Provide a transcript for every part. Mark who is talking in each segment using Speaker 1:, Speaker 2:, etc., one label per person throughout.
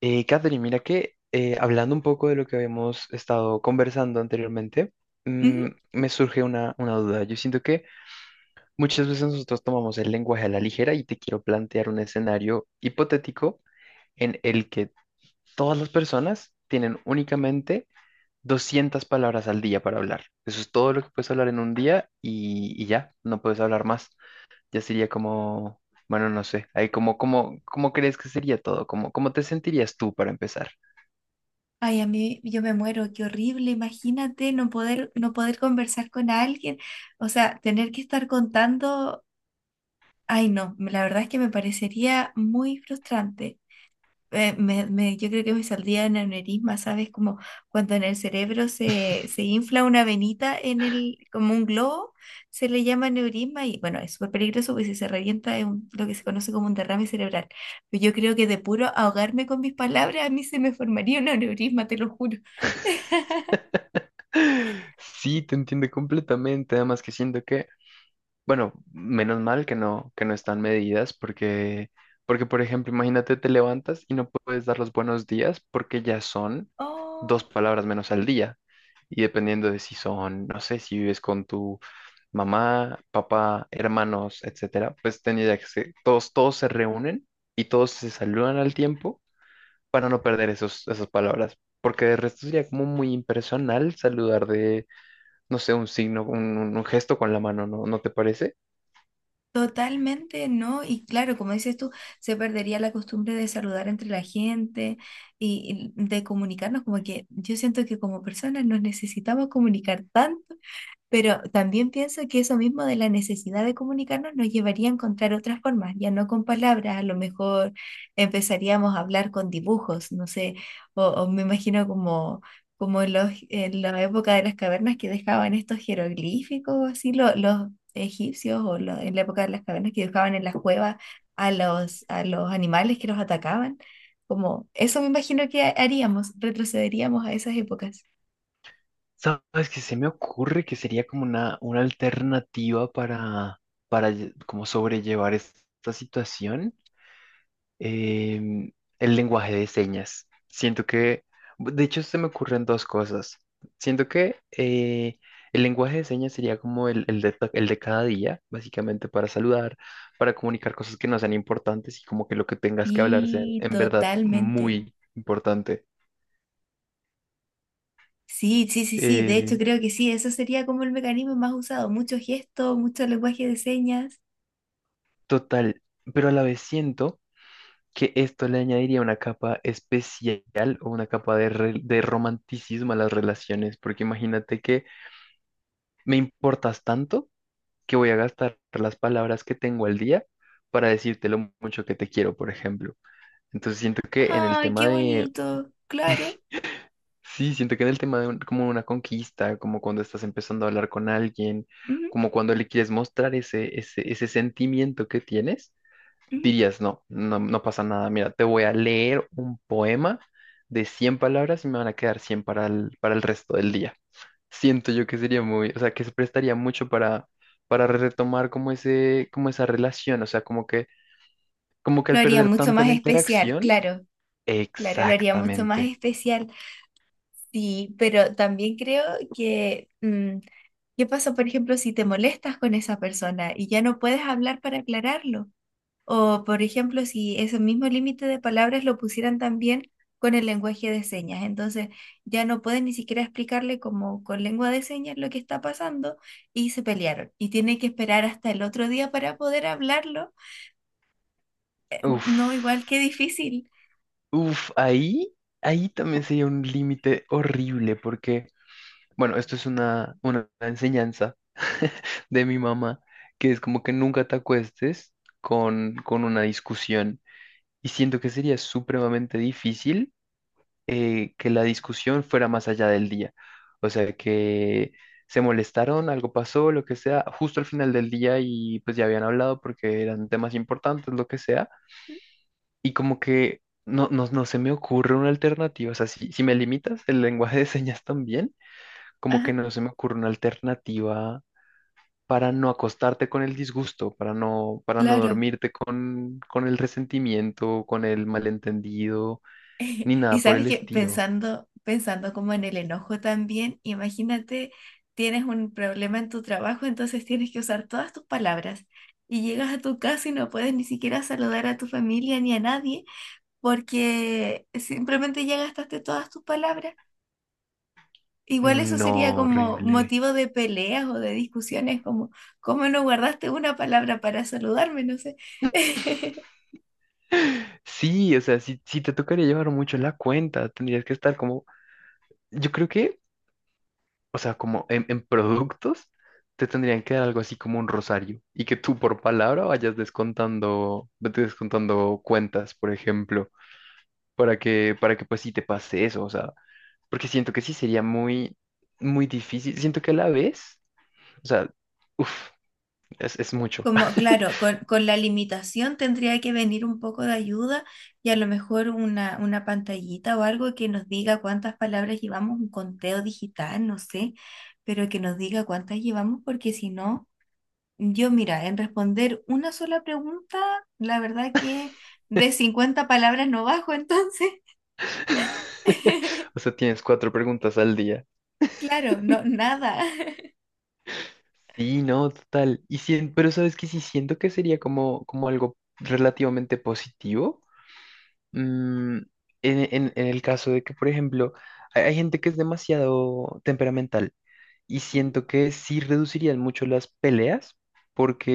Speaker 1: Catherine, mira que hablando un poco de lo que habíamos estado conversando anteriormente,
Speaker 2: Ujú.
Speaker 1: me surge una duda. Yo siento que muchas veces nosotros tomamos el lenguaje a la ligera y te quiero plantear un escenario hipotético en el que todas las personas tienen únicamente 200 palabras al día para hablar. Eso es todo lo que puedes hablar en un día y ya, no puedes hablar más. Ya sería como, bueno, no sé, ahí como, ¿cómo crees que sería todo? ¿Cómo te sentirías tú para empezar?
Speaker 2: Ay, a mí yo me muero, qué horrible, imagínate no poder conversar con alguien, o sea, tener que estar contando, ay no, la verdad es que me parecería muy frustrante. Yo creo que me saldría en aneurisma, ¿sabes? Como cuando en el cerebro se infla una venita en el, como un globo, se le llama aneurisma y bueno, es súper peligroso porque si se revienta lo que se conoce como un derrame cerebral. Pero yo creo que de puro ahogarme con mis palabras a mí se me formaría un aneurisma, te lo juro.
Speaker 1: Sí, te entiendo completamente, además que siento que, bueno, menos mal que no están medidas, porque, por ejemplo, imagínate, te levantas y no puedes dar los buenos días porque ya son dos
Speaker 2: Oh.
Speaker 1: palabras menos al día. Y dependiendo de si son, no sé, si vives con tu mamá, papá, hermanos, etcétera, pues tendría que ser, todos se reúnen y todos se saludan al tiempo para no perder esos, esas palabras, porque de resto sería como muy impersonal saludar de no sé, un signo, un gesto con la mano, ¿no te parece?
Speaker 2: Totalmente, ¿no? Y claro, como dices tú, se perdería la costumbre de saludar entre la gente y de comunicarnos, como que yo siento que como personas nos necesitamos comunicar tanto, pero también pienso que eso mismo de la necesidad de comunicarnos nos llevaría a encontrar otras formas, ya no con palabras. A lo mejor empezaríamos a hablar con dibujos, no sé, o me imagino como, en la época de las cavernas que dejaban estos jeroglíficos, así los egipcios, o en la época de las cavernas que dejaban en las cuevas a los animales que los atacaban, como eso me imagino que haríamos, retrocederíamos a esas épocas.
Speaker 1: ¿Sabes que se me ocurre que sería como una alternativa para, para como sobrellevar esta situación? Em, el lenguaje de señas. Siento que, de hecho, se me ocurren dos cosas. Siento que el lenguaje de señas sería como el de cada día, básicamente para saludar, para comunicar cosas que no sean importantes y como que lo que tengas que hablarse
Speaker 2: Sí,
Speaker 1: en verdad
Speaker 2: totalmente.
Speaker 1: muy importante.
Speaker 2: Sí, sí, sí, sí. De hecho,
Speaker 1: Eh,
Speaker 2: creo que sí. Eso sería como el mecanismo más usado. Muchos gestos, mucho lenguaje de señas.
Speaker 1: Total, pero a la vez siento que esto le añadiría una capa especial o una capa de romanticismo a las relaciones, porque imagínate que me importas tanto que voy a gastar las palabras que tengo al día para decirte lo mucho que te quiero, por ejemplo. Entonces siento que en el
Speaker 2: Ay,
Speaker 1: tema
Speaker 2: qué
Speaker 1: de,
Speaker 2: bonito. Claro.
Speaker 1: sí, siento que en el tema de como una conquista, como cuando estás empezando a hablar con alguien,
Speaker 2: Ujú,
Speaker 1: como cuando le quieres mostrar ese sentimiento que tienes,
Speaker 2: ujú.
Speaker 1: dirías: no, no, no pasa nada. Mira, te voy a leer un poema de 100 palabras y me van a quedar 100 para el resto del día. Siento yo que sería muy, o sea, que se prestaría mucho para retomar como esa relación, o sea, como que
Speaker 2: Lo
Speaker 1: al
Speaker 2: haría
Speaker 1: perder
Speaker 2: mucho
Speaker 1: tanto
Speaker 2: más
Speaker 1: la
Speaker 2: especial,
Speaker 1: interacción,
Speaker 2: claro. Claro, lo haría mucho más
Speaker 1: exactamente.
Speaker 2: especial. Sí, pero también creo que, ¿qué pasa, por ejemplo, si te molestas con esa persona y ya no puedes hablar para aclararlo? O, por ejemplo, si ese mismo límite de palabras lo pusieran también con el lenguaje de señas. Entonces, ya no pueden ni siquiera explicarle como con lengua de señas lo que está pasando y se pelearon. Y tiene que esperar hasta el otro día para poder hablarlo.
Speaker 1: Uf,
Speaker 2: No, igual qué difícil.
Speaker 1: uf, ahí también sería un límite horrible porque, bueno, esto es una enseñanza de mi mamá, que es como que nunca te acuestes con una discusión. Y siento que sería supremamente difícil que la discusión fuera más allá del día. O sea, que se molestaron, algo pasó, lo que sea, justo al final del día y pues ya habían hablado porque eran temas importantes, lo que sea. Y como que no se me ocurre una alternativa. O sea, si me limitas el lenguaje de señas también como
Speaker 2: Ajá,
Speaker 1: que no se me ocurre una alternativa para no acostarte con el disgusto, para no
Speaker 2: claro.
Speaker 1: dormirte con el resentimiento, con el malentendido, ni
Speaker 2: Y
Speaker 1: nada por
Speaker 2: sabes
Speaker 1: el
Speaker 2: que
Speaker 1: estilo.
Speaker 2: pensando como en el enojo también, imagínate, tienes un problema en tu trabajo, entonces tienes que usar todas tus palabras. Y llegas a tu casa y no puedes ni siquiera saludar a tu familia ni a nadie porque simplemente ya gastaste todas tus palabras. Igual eso
Speaker 1: No,
Speaker 2: sería como
Speaker 1: horrible.
Speaker 2: motivo de peleas o de discusiones, como, ¿cómo no guardaste una palabra para saludarme? No sé.
Speaker 1: Sí, o sea, sí, sí te tocaría llevar mucho la cuenta, tendrías que estar como, yo creo que, o sea, como en, productos, te tendrían que dar algo así como un rosario y que tú por palabra vayas descontando, vete descontando cuentas, por ejemplo para que pues sí te pase eso, o sea, porque siento que sí sería muy, muy difícil. Siento que a la vez, o sea, uff, es mucho.
Speaker 2: Como, claro, con la limitación tendría que venir un poco de ayuda y a lo mejor una pantallita o algo que nos diga cuántas palabras llevamos, un conteo digital, no sé, pero que nos diga cuántas llevamos, porque si no, yo mira, en responder una sola pregunta, la verdad que de 50 palabras no bajo, entonces,
Speaker 1: O sea, tienes cuatro preguntas al día.
Speaker 2: claro, no, nada.
Speaker 1: Sí, no, total. Pero sabes que sí siento que sería como algo relativamente positivo, Mm, en el caso de que, por ejemplo, hay gente que es demasiado temperamental y siento que sí reducirían mucho las peleas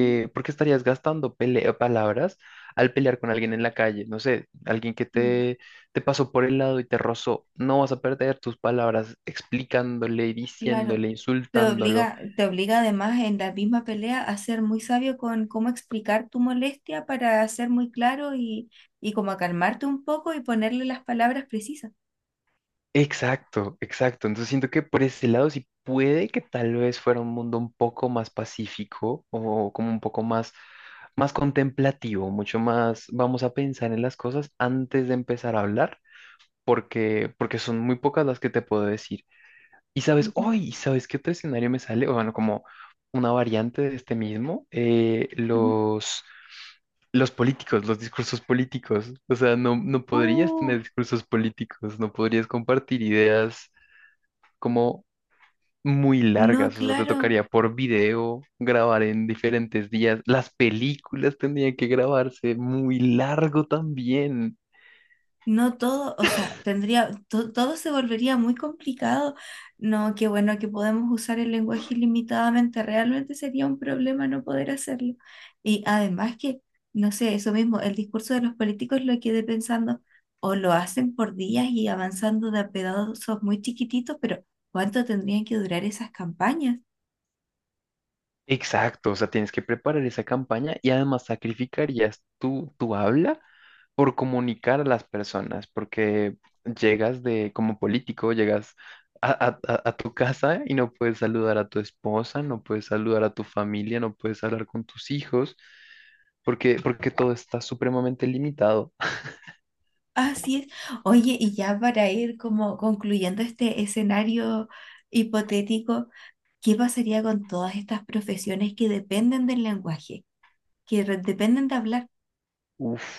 Speaker 2: Mm, mm,
Speaker 1: porque estarías gastando palabras al pelear con alguien en la calle. No sé, alguien que
Speaker 2: mm.
Speaker 1: te pasó por el lado y te rozó. No vas a perder tus palabras explicándole,
Speaker 2: Claro.
Speaker 1: diciéndole, insultándolo.
Speaker 2: Te obliga además en la misma pelea a ser muy sabio con cómo explicar tu molestia para ser muy claro y como a calmarte un poco y ponerle las palabras precisas.
Speaker 1: Exacto, exacto. Entonces siento que por ese lado sí puede que tal vez fuera un mundo un poco más pacífico o como un poco más contemplativo, mucho más vamos a pensar en las cosas antes de empezar a hablar, porque son muy pocas las que te puedo decir. Y sabes,
Speaker 2: Ujú,
Speaker 1: hoy, ¿sabes qué otro escenario me sale? O bueno, como una variante de este mismo,
Speaker 2: ujú.
Speaker 1: los políticos, los discursos políticos. O sea, no, no podrías
Speaker 2: Uf,
Speaker 1: tener discursos políticos, no podrías compartir ideas como muy
Speaker 2: no,
Speaker 1: largas. O sea, te
Speaker 2: claro.
Speaker 1: tocaría por video grabar en diferentes días. Las películas tendrían que grabarse muy largo también.
Speaker 2: No todo, o sea, todo se volvería muy complicado. No, qué bueno que podemos usar el lenguaje ilimitadamente. Realmente sería un problema no poder hacerlo. Y además que, no sé, eso mismo, el discurso de los políticos lo quedé pensando, o lo hacen por días y avanzando de a pedazos muy chiquititos, pero ¿cuánto tendrían que durar esas campañas?
Speaker 1: Exacto, o sea, tienes que preparar esa campaña y además sacrificarías tu habla por comunicar a las personas, porque llegas de como político, llegas a tu casa y no puedes saludar a tu esposa, no puedes saludar a tu familia, no puedes hablar con tus hijos, porque todo está supremamente limitado.
Speaker 2: Así es. Oye, y ya para ir como concluyendo este escenario hipotético. ¿Qué pasaría con todas estas profesiones que dependen del lenguaje, que dependen de hablar?
Speaker 1: Uf,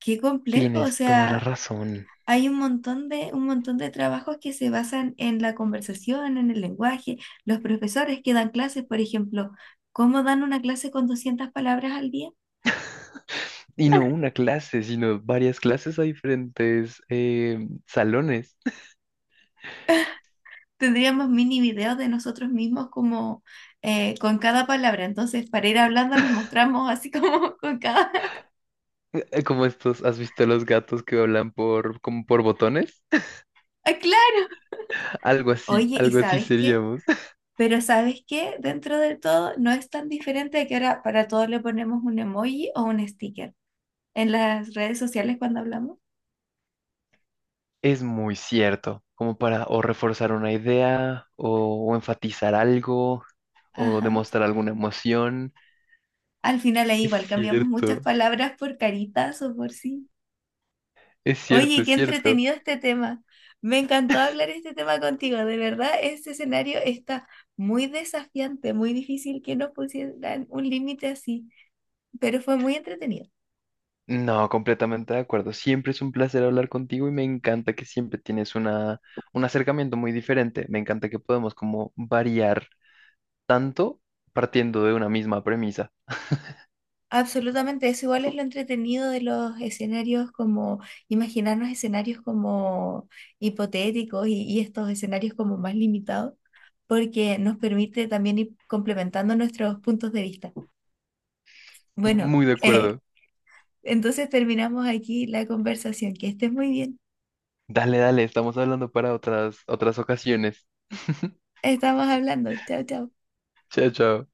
Speaker 2: Qué complejo, o
Speaker 1: tienes toda la
Speaker 2: sea,
Speaker 1: razón.
Speaker 2: hay un montón de trabajos que se basan en la conversación, en el lenguaje. Los profesores que dan clases, por ejemplo, ¿cómo dan una clase con 200 palabras al día?
Speaker 1: Y no una clase, sino varias clases a diferentes salones.
Speaker 2: Tendríamos mini videos de nosotros mismos como con cada palabra. Entonces, para ir hablando nos mostramos así como con cada...
Speaker 1: Como estos, ¿has visto los gatos que hablan por, como por botones?
Speaker 2: ¡Ah, claro! Oye, ¿y
Speaker 1: Algo así
Speaker 2: sabes qué?
Speaker 1: seríamos.
Speaker 2: Pero ¿sabes qué? Dentro de todo no es tan diferente a que ahora para todo le ponemos un emoji o un sticker en las redes sociales cuando hablamos.
Speaker 1: Es muy cierto, como para o reforzar una idea o enfatizar algo o
Speaker 2: Ajá.
Speaker 1: demostrar alguna emoción.
Speaker 2: Al final es
Speaker 1: Es
Speaker 2: igual, cambiamos muchas
Speaker 1: cierto,
Speaker 2: palabras por caritas o por sí.
Speaker 1: es cierto,
Speaker 2: Oye,
Speaker 1: es
Speaker 2: qué
Speaker 1: cierto.
Speaker 2: entretenido este tema. Me encantó hablar este tema contigo. De verdad, este escenario está muy desafiante, muy difícil que nos pusieran un límite así, pero fue muy entretenido.
Speaker 1: No, completamente de acuerdo. Siempre es un placer hablar contigo y me encanta que siempre tienes un acercamiento muy diferente. Me encanta que podemos como variar tanto partiendo de una misma premisa.
Speaker 2: Absolutamente, eso igual es lo entretenido de los escenarios como imaginarnos escenarios como hipotéticos y estos escenarios como más limitados, porque nos permite también ir complementando nuestros puntos de vista. Bueno,
Speaker 1: Muy de
Speaker 2: eh,
Speaker 1: acuerdo.
Speaker 2: entonces terminamos aquí la conversación. Que estés muy bien.
Speaker 1: Dale, dale, estamos hablando para otras ocasiones.
Speaker 2: Estamos hablando. Chao, chao.
Speaker 1: Chao, chao.